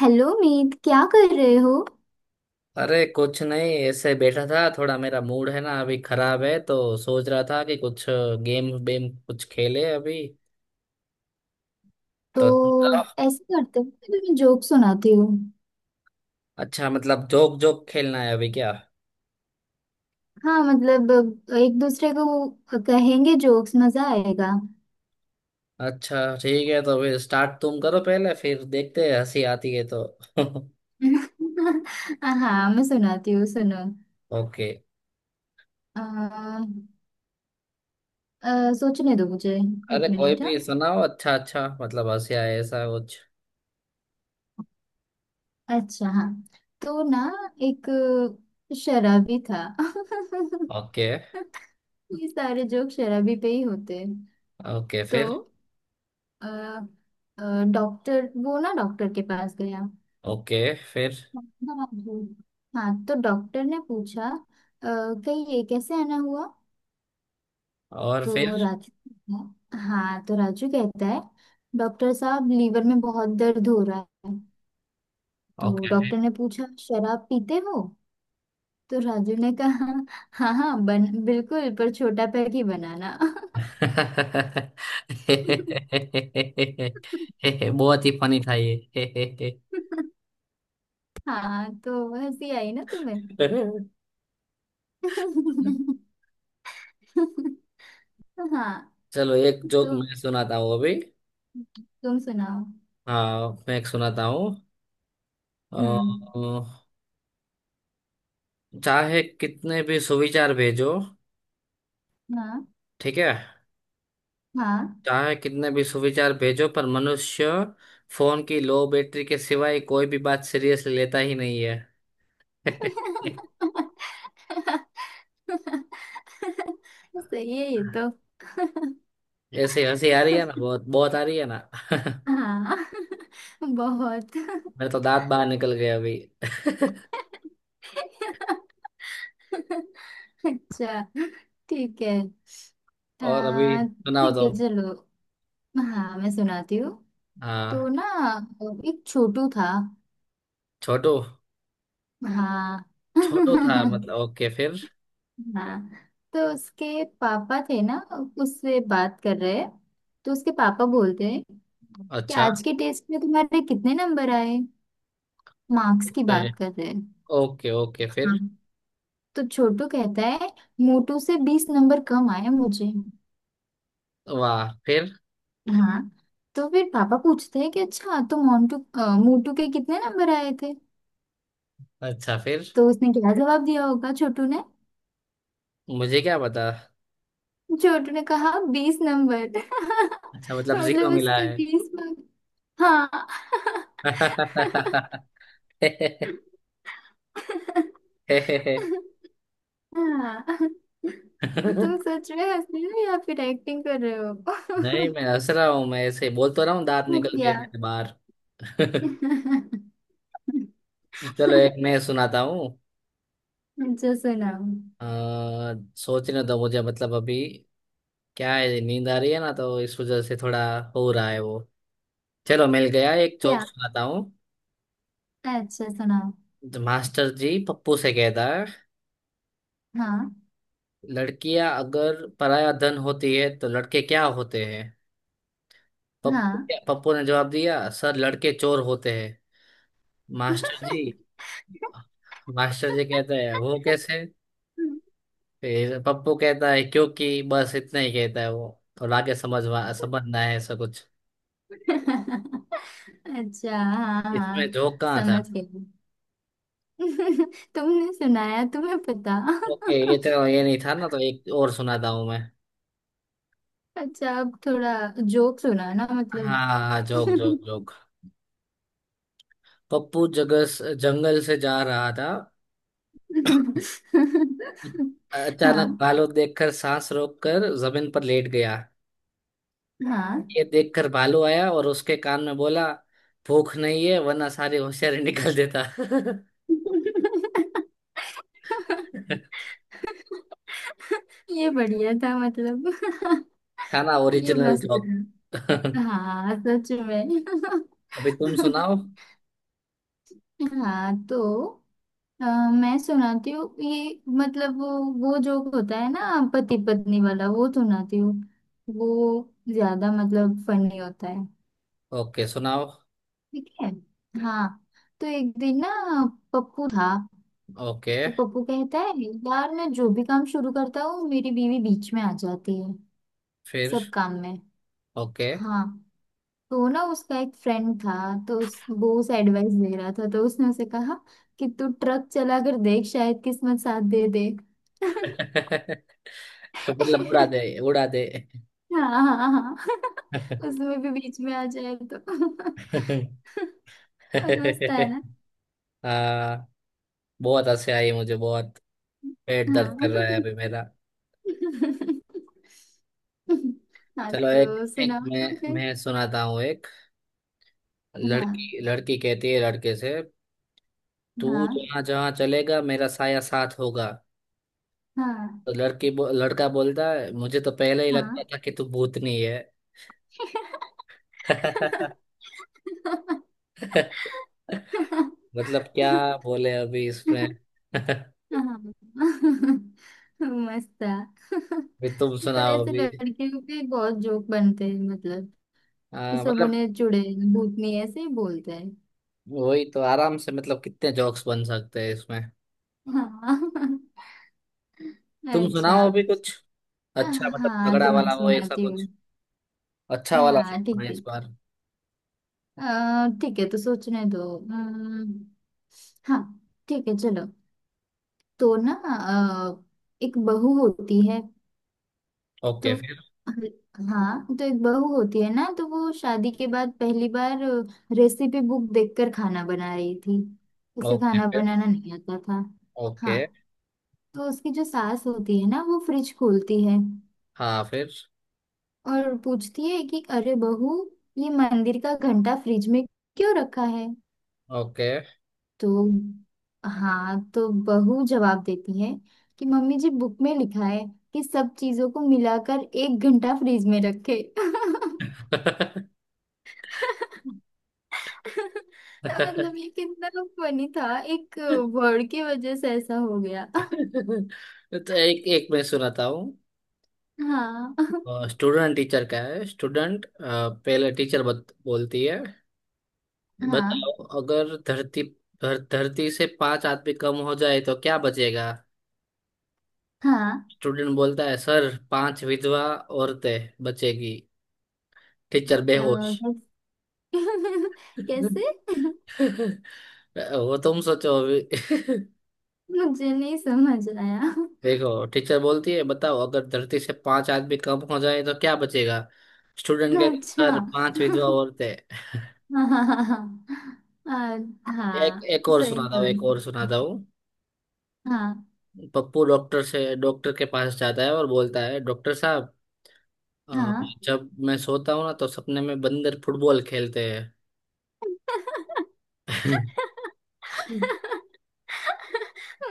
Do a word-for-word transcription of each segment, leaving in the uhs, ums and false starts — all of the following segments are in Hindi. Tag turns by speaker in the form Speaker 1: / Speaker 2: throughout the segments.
Speaker 1: हेलो मीत, क्या कर रहे हो?
Speaker 2: अरे कुछ नहीं, ऐसे बैठा था। थोड़ा मेरा मूड है ना अभी खराब है, तो सोच रहा था कि कुछ गेम बेम कुछ खेले अभी।
Speaker 1: तो
Speaker 2: तो
Speaker 1: ऐसे करते हो, मैं तुम्हें जोक सुनाती हूँ।
Speaker 2: अच्छा, मतलब जोक जोक खेलना है अभी क्या?
Speaker 1: हाँ, मतलब एक दूसरे को कहेंगे जोक्स, मजा आएगा।
Speaker 2: अच्छा ठीक है, तो फिर स्टार्ट तुम करो पहले, फिर देखते हैं हंसी आती है तो।
Speaker 1: हाँ, मैं सुनाती हूँ, सुनो।
Speaker 2: ओके।
Speaker 1: अ, अ, सोचने दो मुझे। एक
Speaker 2: अरे कोई
Speaker 1: मिनट,
Speaker 2: भी
Speaker 1: हाँ।
Speaker 2: सुनाओ, अच्छा अच्छा, मतलब हंसी आए ऐसा कुछ।
Speaker 1: अच्छा, हाँ, तो ना एक शराबी था।
Speaker 2: ओके।
Speaker 1: ये सारे जोक शराबी पे ही होते हैं।
Speaker 2: ओके
Speaker 1: तो
Speaker 2: फिर।
Speaker 1: अ, अ, डॉक्टर वो ना डॉक्टर के पास गया।
Speaker 2: ओके फिर।
Speaker 1: हाँ, हाँ, हाँ, तो डॉक्टर ने पूछा, "अ, कहीं ये कैसे आना हुआ?"
Speaker 2: और फिर?
Speaker 1: तो राजू हाँ, तो राजू कहता है, डॉक्टर साहब, लीवर में बहुत दर्द हो रहा है। तो
Speaker 2: ओके।
Speaker 1: डॉक्टर ने पूछा, शराब पीते हो? तो राजू ने कहा, हाँ, हाँ, बन बिल्कुल, पर छोटा पैग ही बनाना।
Speaker 2: बहुत ही फनी था ये।
Speaker 1: हाँ, तो हंसी आई ना तुम्हें? हाँ,
Speaker 2: चलो एक जोक
Speaker 1: तो
Speaker 2: मैं सुनाता हूँ अभी।
Speaker 1: तुम सुनाओ।
Speaker 2: हाँ मैं एक सुनाता हूँ। अ,
Speaker 1: हम्म।
Speaker 2: चाहे कितने भी सुविचार भेजो।
Speaker 1: हाँ,
Speaker 2: ठीक है।
Speaker 1: हाँ।
Speaker 2: चाहे कितने भी सुविचार भेजो पर मनुष्य फोन की लो बैटरी के सिवाय कोई भी बात सीरियसली लेता ही नहीं है।
Speaker 1: सही है ये तो।
Speaker 2: ऐसे हंसी आ रही है ना, बहुत बहुत आ रही है ना।
Speaker 1: हाँ। बहुत।
Speaker 2: मेरे तो दांत बाहर निकल गए अभी।
Speaker 1: अच्छा, ठीक है।
Speaker 2: और अभी
Speaker 1: आ,
Speaker 2: सुनाओ
Speaker 1: ठीक है,
Speaker 2: तुम।
Speaker 1: चलो। हाँ, मैं सुनाती हूँ। तो
Speaker 2: हाँ।
Speaker 1: ना एक छोटू था।
Speaker 2: छोटू।
Speaker 1: हाँ।
Speaker 2: छोटू था मतलब, ओके फिर।
Speaker 1: हाँ, तो उसके पापा थे ना, उससे बात कर रहे हैं। तो उसके पापा बोलते हैं कि
Speaker 2: अच्छा।
Speaker 1: आज के टेस्ट में तुम्हारे कितने नंबर आए। मार्क्स की
Speaker 2: ओके।
Speaker 1: बात कर रहे हैं।
Speaker 2: ओके ओके
Speaker 1: हाँ,
Speaker 2: फिर।
Speaker 1: तो छोटू कहता है, मोटू से बीस नंबर कम आए मुझे।
Speaker 2: वाह, फिर?
Speaker 1: हाँ, तो फिर पापा पूछते हैं कि अच्छा, तो मोंटू अ, मोटू के कितने नंबर आए थे।
Speaker 2: अच्छा, फिर?
Speaker 1: तो उसने क्या जवाब दिया होगा छोटू ने?
Speaker 2: मुझे क्या पता।
Speaker 1: छोटू ने कहा, बीस नंबर।
Speaker 2: अच्छा, मतलब जीरो
Speaker 1: मतलब
Speaker 2: मिला
Speaker 1: उसके
Speaker 2: है।
Speaker 1: बीस मार्क्स। हाँ। हाँ। तुम सच में हंस रही हो या फिर एक्टिंग कर रहे हो?
Speaker 2: नहीं, मैं हंस रहा हूँ। मैं ऐसे बोल तो रहा हूँ दांत निकल गए
Speaker 1: क्या?
Speaker 2: मेरे बाहर। चलो एक मैं सुनाता हूँ।
Speaker 1: अच्छा, सुनाओ।
Speaker 2: अ, सोचने दो मुझे, मतलब अभी क्या है, नींद आ रही है ना, तो इस वजह से थोड़ा हो रहा है वो। चलो मिल गया, एक जोक
Speaker 1: क्या?
Speaker 2: सुनाता हूँ।
Speaker 1: अच्छा, सुनाओ।
Speaker 2: तो मास्टर जी पप्पू से कहता है,
Speaker 1: हाँ,
Speaker 2: लड़कियां अगर पराया धन होती है तो लड़के क्या होते हैं? पप्पू।
Speaker 1: हाँ।
Speaker 2: पप्पू ने जवाब दिया सर लड़के चोर होते हैं। मास्टर जी। मास्टर जी कहता है वो कैसे? फिर पप्पू कहता है क्योंकि, बस इतना ही कहता है वो। और आगे समझवा समझना है ऐसा कुछ।
Speaker 1: अच्छा, हाँ,
Speaker 2: इसमें
Speaker 1: हाँ,
Speaker 2: जोक कहाँ था?
Speaker 1: समझ गई। तुमने सुनाया, तुम्हें पता।
Speaker 2: ओके, ये तो ये नहीं था ना, तो एक और सुनाता हूँ मैं।
Speaker 1: अच्छा, अब थोड़ा जोक सुना ना, मतलब।
Speaker 2: हाँ हाँ, जोक जोक जोक। पप्पू जगह जंगल से जा रहा था, अचानक
Speaker 1: हाँ,
Speaker 2: भालू देखकर सांस रोककर जमीन पर लेट गया।
Speaker 1: हाँ।
Speaker 2: ये देखकर भालू आया और उसके कान में बोला, भूख नहीं है वरना सारी होशियारी निकाल देता।
Speaker 1: ये बढ़िया था, मतलब।
Speaker 2: था ना
Speaker 1: ये
Speaker 2: ओरिजिनल
Speaker 1: मस्त
Speaker 2: जोक?
Speaker 1: था। हाँ, सच में।
Speaker 2: अभी तुम सुनाओ।
Speaker 1: हाँ, तो अ, मैं सुनाती हूँ। ये मतलब, वो वो जोक होता है ना पति पत्नी वाला, वो सुनाती हूँ। वो ज्यादा मतलब फनी होता है।
Speaker 2: ओके सुनाओ।
Speaker 1: ठीक है। हाँ, तो एक दिन ना पप्पू था।
Speaker 2: ओके
Speaker 1: तो पप्पू कहता है, यार, मैं जो भी काम शुरू करता हूँ, मेरी बीवी बीच में आ जाती है।
Speaker 2: फिर।
Speaker 1: सब काम में।
Speaker 2: ओके।
Speaker 1: हाँ, तो ना उसका एक फ्रेंड था। तो उस वो उसे एडवाइस दे रहा था, तो उसने उसे कहा कि तू ट्रक चला कर देख, शायद किस्मत साथ दे दे।
Speaker 2: मतलब उड़ा दे उड़ा दे।
Speaker 1: हाँ, हाँ, हाँ। उसमें भी बीच में आ जाए तो। मस्त है ना।
Speaker 2: हाँ, बहुत हंसी आई मुझे, बहुत। पेट दर्द
Speaker 1: हाँ।
Speaker 2: कर रहा है अभी मेरा।
Speaker 1: हाँ,
Speaker 2: चलो एक
Speaker 1: तो
Speaker 2: एक
Speaker 1: सुनाओ
Speaker 2: मैं
Speaker 1: तो फिर।
Speaker 2: मैं सुनाता हूँ एक।
Speaker 1: हाँ,
Speaker 2: लड़की लड़की कहती है लड़के से, तू
Speaker 1: हाँ,
Speaker 2: जहाँ जहाँ चलेगा मेरा साया साथ होगा।
Speaker 1: हाँ,
Speaker 2: तो लड़की बो, लड़का बोलता है, मुझे तो पहले ही लगता
Speaker 1: हाँ।
Speaker 2: था कि तू भूतनी है। मतलब क्या बोले अभी इसमें?
Speaker 1: हाँ,
Speaker 2: अभी
Speaker 1: हाँ। मस्त था।
Speaker 2: तुम
Speaker 1: पर
Speaker 2: सुनाओ
Speaker 1: ऐसे
Speaker 2: अभी।
Speaker 1: लड़कियों के बहुत जोक बनते हैं, मतलब। कि
Speaker 2: आ,
Speaker 1: सब
Speaker 2: मतलब,
Speaker 1: उन्हें चुड़ैल, भूतनी ऐसे ही बोलते हैं।
Speaker 2: वही तो आराम से मतलब कितने जोक्स बन सकते हैं इसमें।
Speaker 1: हाँ।
Speaker 2: तुम
Speaker 1: अच्छा।
Speaker 2: सुनाओ अभी कुछ अच्छा, मतलब
Speaker 1: हाँ,
Speaker 2: तगड़ा
Speaker 1: तो मैं
Speaker 2: वाला हो ऐसा।
Speaker 1: सुनाती हूँ।
Speaker 2: अच्छा वाला
Speaker 1: हाँ,
Speaker 2: सुनना
Speaker 1: ठीक
Speaker 2: है
Speaker 1: है।
Speaker 2: इस बार।
Speaker 1: अ, ठीक है, तो सोचने दो। अम्म, हाँ, ठीक है, चलो। तो ना अ, एक बहू होती है।
Speaker 2: ओके
Speaker 1: तो
Speaker 2: फिर।
Speaker 1: हाँ, तो एक बहू होती है ना, तो वो शादी के बाद पहली बार रेसिपी बुक देखकर खाना बना रही थी। उसे
Speaker 2: ओके
Speaker 1: खाना
Speaker 2: फिर।
Speaker 1: बनाना नहीं आता था। हाँ,
Speaker 2: ओके।
Speaker 1: तो उसकी जो सास होती है ना, वो फ्रिज खोलती है
Speaker 2: हाँ फिर।
Speaker 1: और पूछती है कि अरे बहू, ये मंदिर का घंटा फ्रिज में क्यों रखा है?
Speaker 2: ओके।
Speaker 1: तो हाँ, तो बहू जवाब देती है कि मम्मी जी, बुक में लिखा है कि सब चीजों को मिलाकर एक घंटा फ्रिज में रखे। तो मतलब ये कितना फनी था, एक वर्ड की वजह से ऐसा हो गया।
Speaker 2: तो एक एक मैं सुनाता हूँ।
Speaker 1: हाँ,
Speaker 2: स्टूडेंट टीचर का है। स्टूडेंट पहले, टीचर बत, बोलती है,
Speaker 1: हाँ,
Speaker 2: बताओ अगर धरती धर, धरती से पांच आदमी कम हो जाए तो क्या बचेगा?
Speaker 1: हाँ,
Speaker 2: स्टूडेंट बोलता है सर पांच विधवा औरतें बचेगी। टीचर
Speaker 1: अ,
Speaker 2: बेहोश।
Speaker 1: कैस- कैसे?
Speaker 2: वो तुम सोचो अभी।
Speaker 1: मुझे नहीं समझ आया।
Speaker 2: देखो, टीचर बोलती है बताओ अगर धरती से पांच आदमी कम हो जाए तो क्या बचेगा? स्टूडेंट कहते
Speaker 1: अच्छा।
Speaker 2: सर पांच विधवा
Speaker 1: हाँ,
Speaker 2: औरतें।
Speaker 1: हाँ, हाँ, हाँ, अ,
Speaker 2: एक
Speaker 1: हाँ,
Speaker 2: एक और
Speaker 1: सही
Speaker 2: सुनाता हूँ,
Speaker 1: में।
Speaker 2: एक और सुनाता हूँ।
Speaker 1: हाँ,
Speaker 2: पप्पू डॉक्टर से डॉक्टर के पास जाता है और बोलता है डॉक्टर साहब, अ,
Speaker 1: हाँ,
Speaker 2: जब मैं सोता हूँ ना तो सपने में बंदर फुटबॉल खेलते हैं।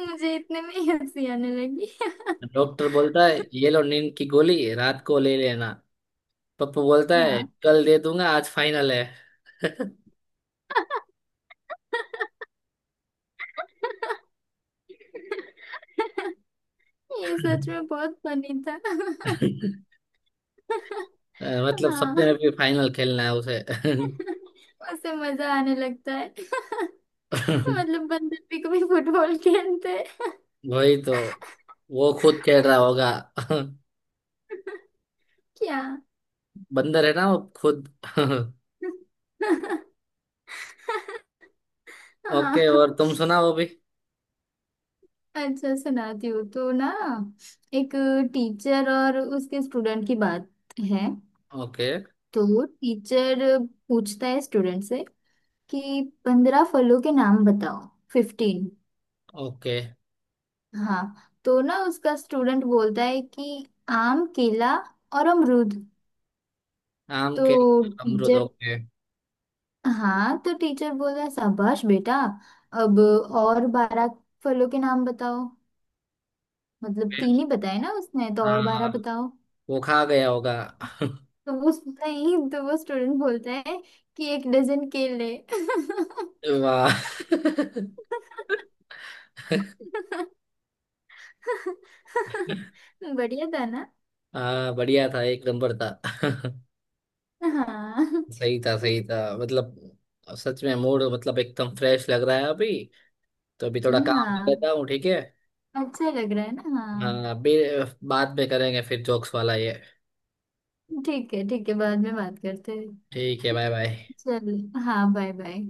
Speaker 1: मुझे इतने में ही हंसी आने लगी।
Speaker 2: डॉक्टर बोलता है ये लो नींद की गोली रात को ले लेना। पप्पू बोलता है
Speaker 1: हाँ।
Speaker 2: कल दे दूंगा आज फाइनल है।
Speaker 1: ये सच में बहुत फनी था।
Speaker 2: अ, मतलब सपने
Speaker 1: हाँ।
Speaker 2: में भी फाइनल खेलना है उसे।
Speaker 1: उससे मजा आने लगता है। मतलब बंदर भी कभी फुटबॉल खेलते हैं।
Speaker 2: वही तो, वो खुद खेल रहा होगा।
Speaker 1: क्या?
Speaker 2: बंदर है ना वो खुद।
Speaker 1: हाँ,
Speaker 2: ओके और तुम सुना वो भी।
Speaker 1: अच्छा, सुनाती हूँ। तो ना एक टीचर और उसके स्टूडेंट की बात है।
Speaker 2: ओके।
Speaker 1: तो टीचर पूछता है स्टूडेंट से कि पंद्रह फलों के नाम बताओ, फिफ्टीन।
Speaker 2: ओके।
Speaker 1: हाँ, तो ना उसका स्टूडेंट बोलता है कि आम, केला और अमरूद।
Speaker 2: आम
Speaker 1: तो
Speaker 2: के, अमरूद।
Speaker 1: टीचर
Speaker 2: ओके
Speaker 1: हाँ, तो टीचर बोला, शाबाश बेटा, अब और बारह फलों के नाम बताओ। मतलब
Speaker 2: फिर।
Speaker 1: तीन ही बताए ना उसने, तो और बारह
Speaker 2: हाँ।
Speaker 1: बताओ।
Speaker 2: वो खा गया होगा।
Speaker 1: तो वो नहीं, तो वो स्टूडेंट बोलता है कि एक डजन केले।
Speaker 2: वाह।
Speaker 1: बढ़िया था ना।
Speaker 2: हाँ, बढ़िया था, एक नंबर था।
Speaker 1: हाँ,
Speaker 2: सही था सही था, मतलब सच में मूड, मतलब एकदम फ्रेश लग रहा है अभी। तो अभी थोड़ा काम कर लेता
Speaker 1: हाँ,
Speaker 2: हूँ, ठीक है?
Speaker 1: अच्छा लग रहा है ना?
Speaker 2: हाँ,
Speaker 1: हाँ।
Speaker 2: अभी। बाद में करेंगे फिर जोक्स वाला ये।
Speaker 1: ठीक है, ठीक है, बाद में बात करते हैं।
Speaker 2: ठीक है, बाय बाय।
Speaker 1: चल, हाँ, बाय बाय।